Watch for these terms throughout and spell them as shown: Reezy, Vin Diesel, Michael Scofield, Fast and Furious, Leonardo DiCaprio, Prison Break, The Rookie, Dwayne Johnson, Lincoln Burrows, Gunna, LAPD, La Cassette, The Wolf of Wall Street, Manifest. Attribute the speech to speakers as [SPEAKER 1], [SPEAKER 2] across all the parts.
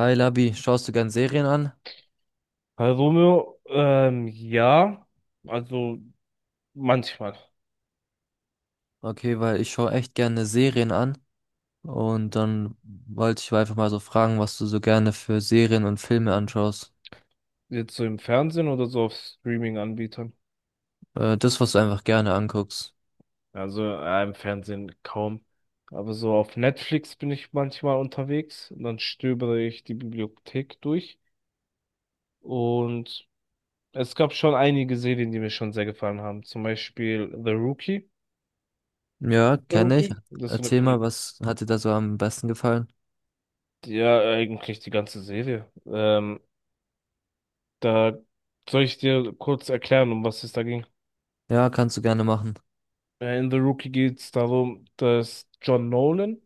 [SPEAKER 1] Hi Labi, schaust du gern Serien an?
[SPEAKER 2] Hallo Romeo, ja, also manchmal.
[SPEAKER 1] Okay, weil ich schaue echt gerne Serien an. Und dann wollte ich einfach mal so fragen, was du so gerne für Serien und Filme anschaust.
[SPEAKER 2] Jetzt so im Fernsehen oder so auf Streaming-Anbietern.
[SPEAKER 1] Das, was du einfach gerne anguckst.
[SPEAKER 2] Also im Fernsehen kaum. Aber so auf Netflix bin ich manchmal unterwegs und dann stöbere ich die Bibliothek durch. Und es gab schon einige Serien, die mir schon sehr gefallen haben. Zum Beispiel The Rookie.
[SPEAKER 1] Ja,
[SPEAKER 2] The
[SPEAKER 1] kenne ich.
[SPEAKER 2] Rookie? Das ist so eine
[SPEAKER 1] Erzähl mal,
[SPEAKER 2] Poli
[SPEAKER 1] was hat dir da so am besten gefallen?
[SPEAKER 2] Ja, eigentlich die ganze Serie. Da Soll ich dir kurz erklären, um was es da ging?
[SPEAKER 1] Ja, kannst du gerne machen.
[SPEAKER 2] In The Rookie geht es darum, dass John Nolan,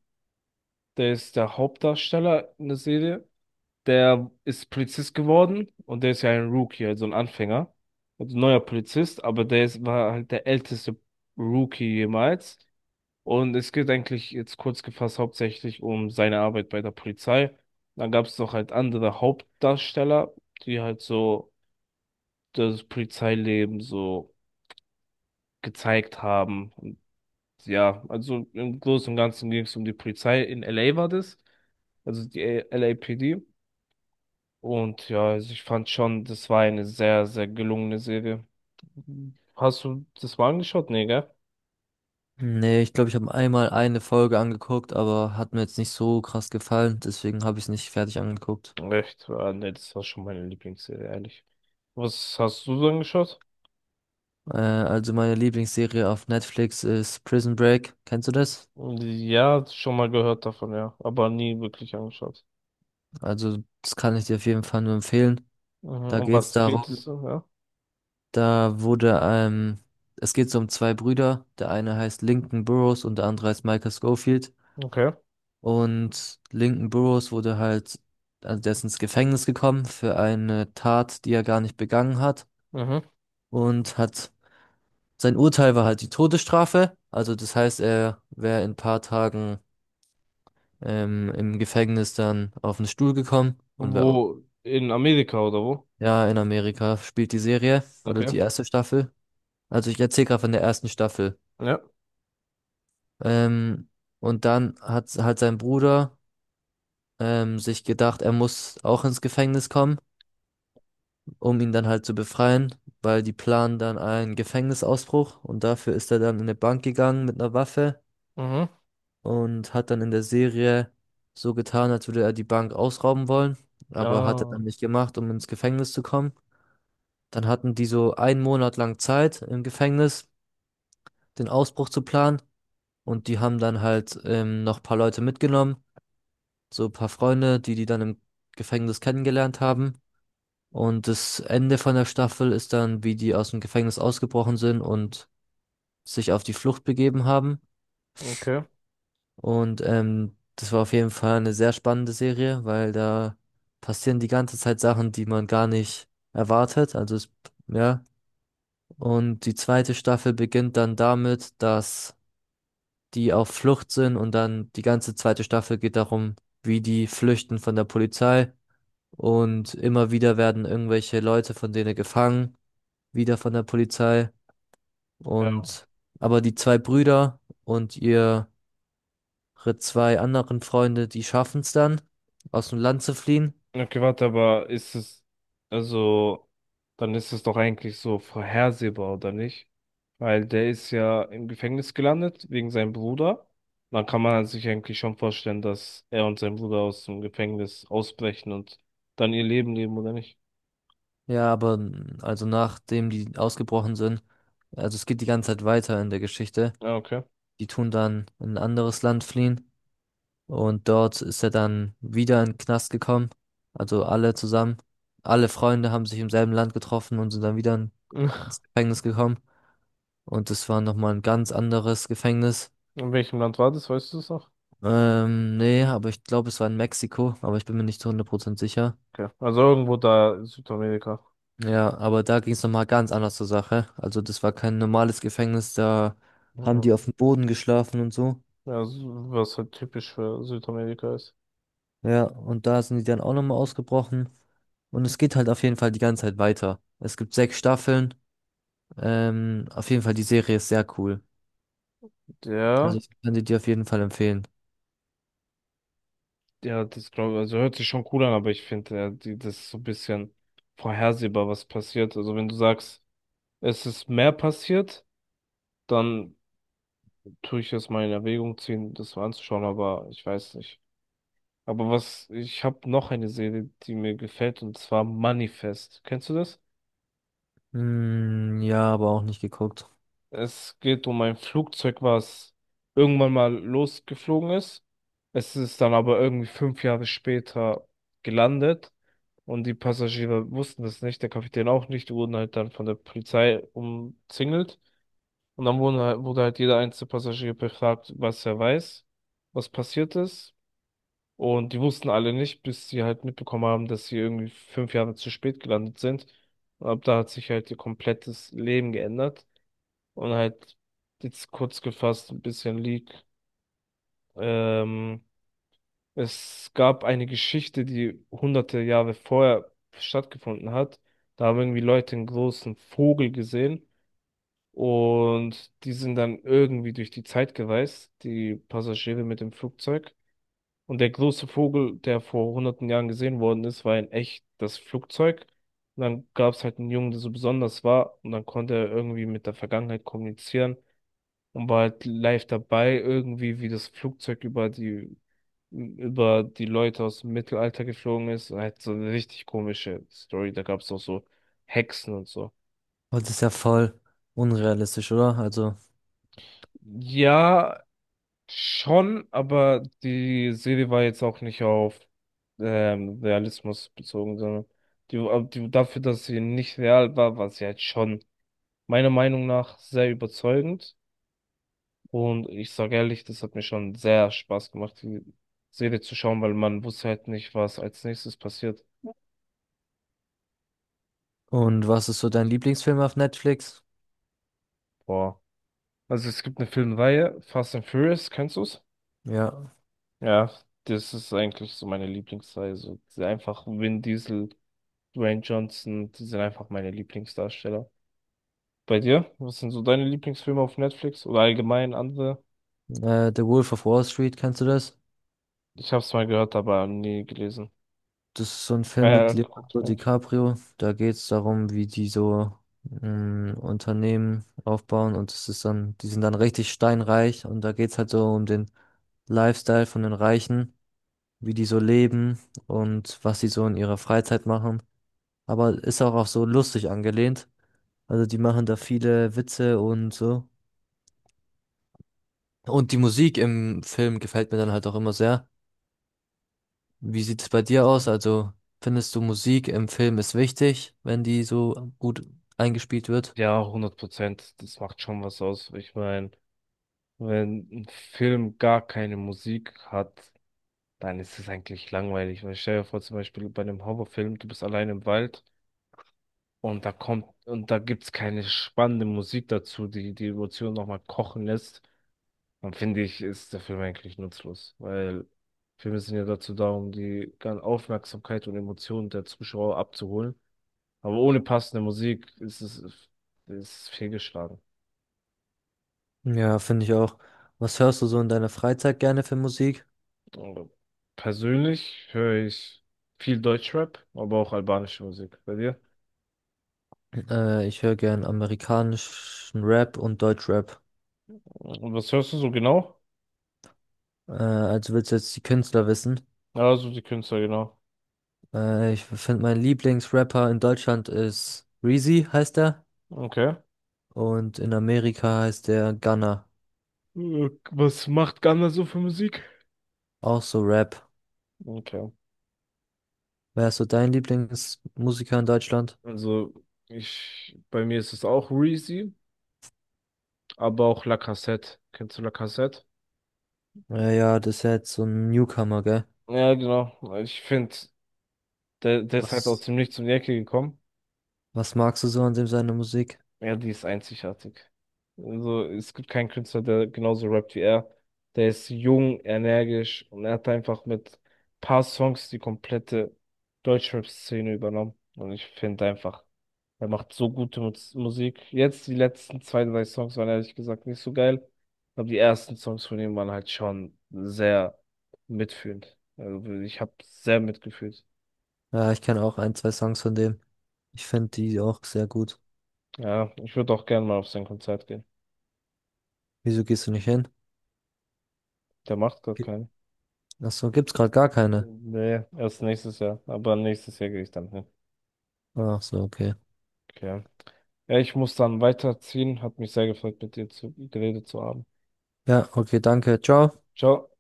[SPEAKER 2] der ist der Hauptdarsteller in der Serie, der ist Polizist geworden und der ist ja ein Rookie, also ein Anfänger, also ein neuer Polizist, aber war halt der älteste Rookie jemals. Und es geht eigentlich jetzt kurz gefasst hauptsächlich um seine Arbeit bei der Polizei. Dann gab es noch halt andere Hauptdarsteller, die halt so das Polizeileben so gezeigt haben. Ja, also im Großen und Ganzen ging es um die Polizei. In LA war das, also die LAPD. Und ja, also ich fand schon, das war eine sehr, sehr gelungene Serie. Hast du das mal angeschaut? Nee, gell?
[SPEAKER 1] Nee, ich glaube, ich habe einmal eine Folge angeguckt, aber hat mir jetzt nicht so krass gefallen. Deswegen habe ich es nicht fertig angeguckt.
[SPEAKER 2] Echt? Ah, nee, das war schon meine Lieblingsserie, ehrlich. Was hast du so angeschaut?
[SPEAKER 1] Also meine Lieblingsserie auf Netflix ist Prison Break. Kennst du das?
[SPEAKER 2] Ja, schon mal gehört davon, ja. Aber nie wirklich angeschaut.
[SPEAKER 1] Also, das kann ich dir auf jeden Fall nur empfehlen.
[SPEAKER 2] Mhm.
[SPEAKER 1] Da
[SPEAKER 2] Um
[SPEAKER 1] geht's
[SPEAKER 2] was geht es
[SPEAKER 1] darum,
[SPEAKER 2] so, ja?
[SPEAKER 1] da wurde, es geht so um zwei Brüder. Der eine heißt Lincoln Burrows und der andere heißt Michael Scofield.
[SPEAKER 2] Okay.
[SPEAKER 1] Und Lincoln Burrows wurde halt, also der ist ins Gefängnis gekommen für eine Tat, die er gar nicht begangen hat.
[SPEAKER 2] Mhm.
[SPEAKER 1] Und hat, sein Urteil war halt die Todesstrafe. Also, das heißt, er wäre in ein paar Tagen, im Gefängnis dann auf den Stuhl gekommen und wäre,
[SPEAKER 2] Wo? In Amerika oder wo?
[SPEAKER 1] ja, in Amerika spielt die Serie, also
[SPEAKER 2] Okay.
[SPEAKER 1] die erste Staffel. Also ich erzähle gerade von der ersten Staffel.
[SPEAKER 2] Ja.
[SPEAKER 1] Ähm, und dann hat halt sein Bruder sich gedacht, er muss auch ins Gefängnis kommen, um ihn dann halt zu befreien, weil die planen dann einen Gefängnisausbruch und dafür ist er dann in eine Bank gegangen mit einer Waffe
[SPEAKER 2] Mhm.
[SPEAKER 1] und hat dann in der Serie so getan, als würde er die Bank ausrauben wollen, aber hat er
[SPEAKER 2] Ah.
[SPEAKER 1] dann nicht gemacht, um ins Gefängnis zu kommen. Dann hatten die so einen Monat lang Zeit im Gefängnis, den Ausbruch zu planen. Und die haben dann halt noch ein paar Leute mitgenommen, so ein paar Freunde, die dann im Gefängnis kennengelernt haben. Und das Ende von der Staffel ist dann, wie die aus dem Gefängnis ausgebrochen sind und sich auf die Flucht begeben haben.
[SPEAKER 2] Okay.
[SPEAKER 1] Und das war auf jeden Fall eine sehr spannende Serie, weil da passieren die ganze Zeit Sachen, die man gar nicht erwartet. Also es, ja. Und die zweite Staffel beginnt dann damit, dass die auf Flucht sind und dann die ganze zweite Staffel geht darum, wie die flüchten von der Polizei. Und immer wieder werden irgendwelche Leute von denen gefangen, wieder von der Polizei.
[SPEAKER 2] Ja,
[SPEAKER 1] Und aber die zwei Brüder und ihre zwei anderen Freunde, die schaffen es dann, aus dem Land zu fliehen.
[SPEAKER 2] okay, warte, aber also, dann ist es doch eigentlich so vorhersehbar, oder nicht? Weil der ist ja im Gefängnis gelandet wegen seinem Bruder. Dann kann man sich eigentlich schon vorstellen, dass er und sein Bruder aus dem Gefängnis ausbrechen und dann ihr Leben leben, oder nicht?
[SPEAKER 1] Ja, aber also nachdem die ausgebrochen sind, also es geht die ganze Zeit weiter in der Geschichte.
[SPEAKER 2] Ja, okay.
[SPEAKER 1] Die tun dann in ein anderes Land fliehen. Und dort ist er dann wieder in den Knast gekommen. Also alle zusammen. Alle Freunde haben sich im selben Land getroffen und sind dann
[SPEAKER 2] Ach,
[SPEAKER 1] ins Gefängnis gekommen. Und das war nochmal ein ganz anderes Gefängnis.
[SPEAKER 2] in welchem Land war das, weißt du es noch?
[SPEAKER 1] Nee, aber ich glaube, es war in Mexiko, aber ich bin mir nicht zu 100% sicher.
[SPEAKER 2] Okay. Also irgendwo da in Südamerika.
[SPEAKER 1] Ja, aber da ging es nochmal ganz anders zur Sache. Also das war kein normales Gefängnis, da haben
[SPEAKER 2] Ja,
[SPEAKER 1] die auf dem Boden geschlafen und so.
[SPEAKER 2] ja, so- was halt typisch für Südamerika ist.
[SPEAKER 1] Ja, und da sind die dann auch nochmal ausgebrochen. Und es geht halt auf jeden Fall die ganze Zeit weiter. Es gibt sechs Staffeln. Auf jeden Fall, die Serie ist sehr cool. Also
[SPEAKER 2] Ja.
[SPEAKER 1] ich kann sie dir auf jeden Fall empfehlen.
[SPEAKER 2] Ja, das glaube ich, also hört sich schon cool an, aber ich finde, das ist so ein bisschen vorhersehbar, was passiert. Also wenn du sagst, es ist mehr passiert, dann tue ich es mal in Erwägung ziehen, das mal anzuschauen, aber ich weiß nicht. Aber was, ich habe noch eine Serie, die mir gefällt, und zwar Manifest. Kennst du das?
[SPEAKER 1] Hm, ja, aber auch nicht geguckt.
[SPEAKER 2] Es geht um ein Flugzeug, was irgendwann mal losgeflogen ist. Es ist dann aber irgendwie fünf Jahre später gelandet und die Passagiere wussten das nicht, der Kapitän auch nicht, die wurden halt dann von der Polizei umzingelt und dann wurde halt jeder einzelne Passagier befragt, was er weiß, was passiert ist, und die wussten alle nicht, bis sie halt mitbekommen haben, dass sie irgendwie fünf Jahre zu spät gelandet sind. Und ab da hat sich halt ihr komplettes Leben geändert. Und halt jetzt kurz gefasst ein bisschen League. Ähm, es gab eine Geschichte, die hunderte Jahre vorher stattgefunden hat. Da haben irgendwie Leute einen großen Vogel gesehen und die sind dann irgendwie durch die Zeit gereist, die Passagiere mit dem Flugzeug. Und der große Vogel, der vor hunderten Jahren gesehen worden ist, war in echt das Flugzeug. Und dann gab es halt einen Jungen, der so besonders war, und dann konnte er irgendwie mit der Vergangenheit kommunizieren und war halt live dabei, irgendwie, wie das Flugzeug über die Leute aus dem Mittelalter geflogen ist. Halt so eine richtig komische Story. Da gab es auch so Hexen und so.
[SPEAKER 1] Und das ist ja voll unrealistisch, oder? Also,
[SPEAKER 2] Ja, schon, aber die Serie war jetzt auch nicht auf Realismus bezogen, sondern dafür, dass sie nicht real war, war sie halt schon meiner Meinung nach sehr überzeugend. Und ich sage ehrlich, das hat mir schon sehr Spaß gemacht, die Serie zu schauen, weil man wusste halt nicht, was als nächstes passiert.
[SPEAKER 1] und was ist so dein Lieblingsfilm auf Netflix?
[SPEAKER 2] Boah. Also es gibt eine Filmreihe, Fast and Furious, kennst du's?
[SPEAKER 1] Ja,
[SPEAKER 2] Ja, das ist eigentlich so meine Lieblingsreihe. So diese einfach Vin Diesel, Dwayne Johnson, die sind einfach meine Lieblingsdarsteller. Bei dir? Was sind so deine Lieblingsfilme auf Netflix oder allgemein andere?
[SPEAKER 1] The Wolf of Wall Street, kennst du das?
[SPEAKER 2] Ich hab's mal gehört, aber nie gelesen.
[SPEAKER 1] Das ist so ein Film mit
[SPEAKER 2] Geguckt.
[SPEAKER 1] Leonardo DiCaprio. Da geht es darum, wie die so Unternehmen aufbauen und es ist dann, die sind dann richtig steinreich und da geht es halt so um den Lifestyle von den Reichen, wie die so leben und was sie so in ihrer Freizeit machen. Aber ist auch, auch so lustig angelehnt. Also die machen da viele Witze und so. Und die Musik im Film gefällt mir dann halt auch immer sehr. Wie sieht es bei dir aus? Also findest du Musik im Film ist wichtig, wenn die so gut eingespielt wird?
[SPEAKER 2] Ja, 100%. Das macht schon was aus. Ich meine, wenn ein Film gar keine Musik hat, dann ist es eigentlich langweilig. Weil stell dir vor, zum Beispiel bei einem Horrorfilm, du bist allein im Wald und da kommt und da gibt's keine spannende Musik dazu, die die Emotionen nochmal kochen lässt, dann finde ich, ist der Film eigentlich nutzlos. Weil Filme sind ja dazu da, um die ganze Aufmerksamkeit und Emotionen der Zuschauer abzuholen. Aber ohne passende Musik ist fehlgeschlagen.
[SPEAKER 1] Ja, finde ich auch. Was hörst du so in deiner Freizeit gerne für Musik?
[SPEAKER 2] Also, persönlich höre ich viel Deutschrap, aber auch albanische Musik. Bei dir?
[SPEAKER 1] Ich höre gern amerikanischen Rap und Deutschrap.
[SPEAKER 2] Und was hörst du so genau?
[SPEAKER 1] Also willst du jetzt die Künstler wissen?
[SPEAKER 2] Ja, so die Künstler, genau.
[SPEAKER 1] Ich finde, mein Lieblingsrapper in Deutschland ist Reezy, heißt er.
[SPEAKER 2] Okay.
[SPEAKER 1] Und in Amerika heißt er Gunna.
[SPEAKER 2] Was macht Ghana so für Musik?
[SPEAKER 1] Auch so Rap.
[SPEAKER 2] Okay.
[SPEAKER 1] Wer ist so dein Lieblingsmusiker in Deutschland?
[SPEAKER 2] Also, ich, bei mir ist es auch Reezy, aber auch La Cassette. Kennst du La Cassette?
[SPEAKER 1] Ja, das ist ja jetzt so ein Newcomer, gell?
[SPEAKER 2] Ja, genau. Ich finde, der ist halt aus
[SPEAKER 1] Was,
[SPEAKER 2] dem Nichts um die Ecke gekommen.
[SPEAKER 1] was magst du so an dem seiner Musik?
[SPEAKER 2] Ja, die ist einzigartig. Also, es gibt keinen Künstler, der genauso rappt wie er. Der ist jung, energisch und er hat einfach mit paar Songs die komplette Deutschrap-Szene übernommen. Und ich finde einfach, er macht so gute Musik. Jetzt die letzten zwei, drei Songs waren ehrlich gesagt nicht so geil. Aber die ersten Songs von ihm waren halt schon sehr mitfühlend. Also, ich habe sehr mitgefühlt.
[SPEAKER 1] Ja, ich kenne auch ein, zwei Songs von dem. Ich finde die auch sehr gut.
[SPEAKER 2] Ja, ich würde auch gerne mal auf sein Konzert gehen.
[SPEAKER 1] Wieso gehst du nicht hin?
[SPEAKER 2] Der macht gerade
[SPEAKER 1] Ge-
[SPEAKER 2] keinen.
[SPEAKER 1] Ach so, gibt's gerade gar keine.
[SPEAKER 2] Nee, erst nächstes Jahr. Aber nächstes Jahr gehe ich dann hin.
[SPEAKER 1] Ach so, okay.
[SPEAKER 2] Okay. Ja, ich muss dann weiterziehen. Hat mich sehr gefreut, geredet zu haben.
[SPEAKER 1] Ja, okay, danke. Ciao.
[SPEAKER 2] Ciao.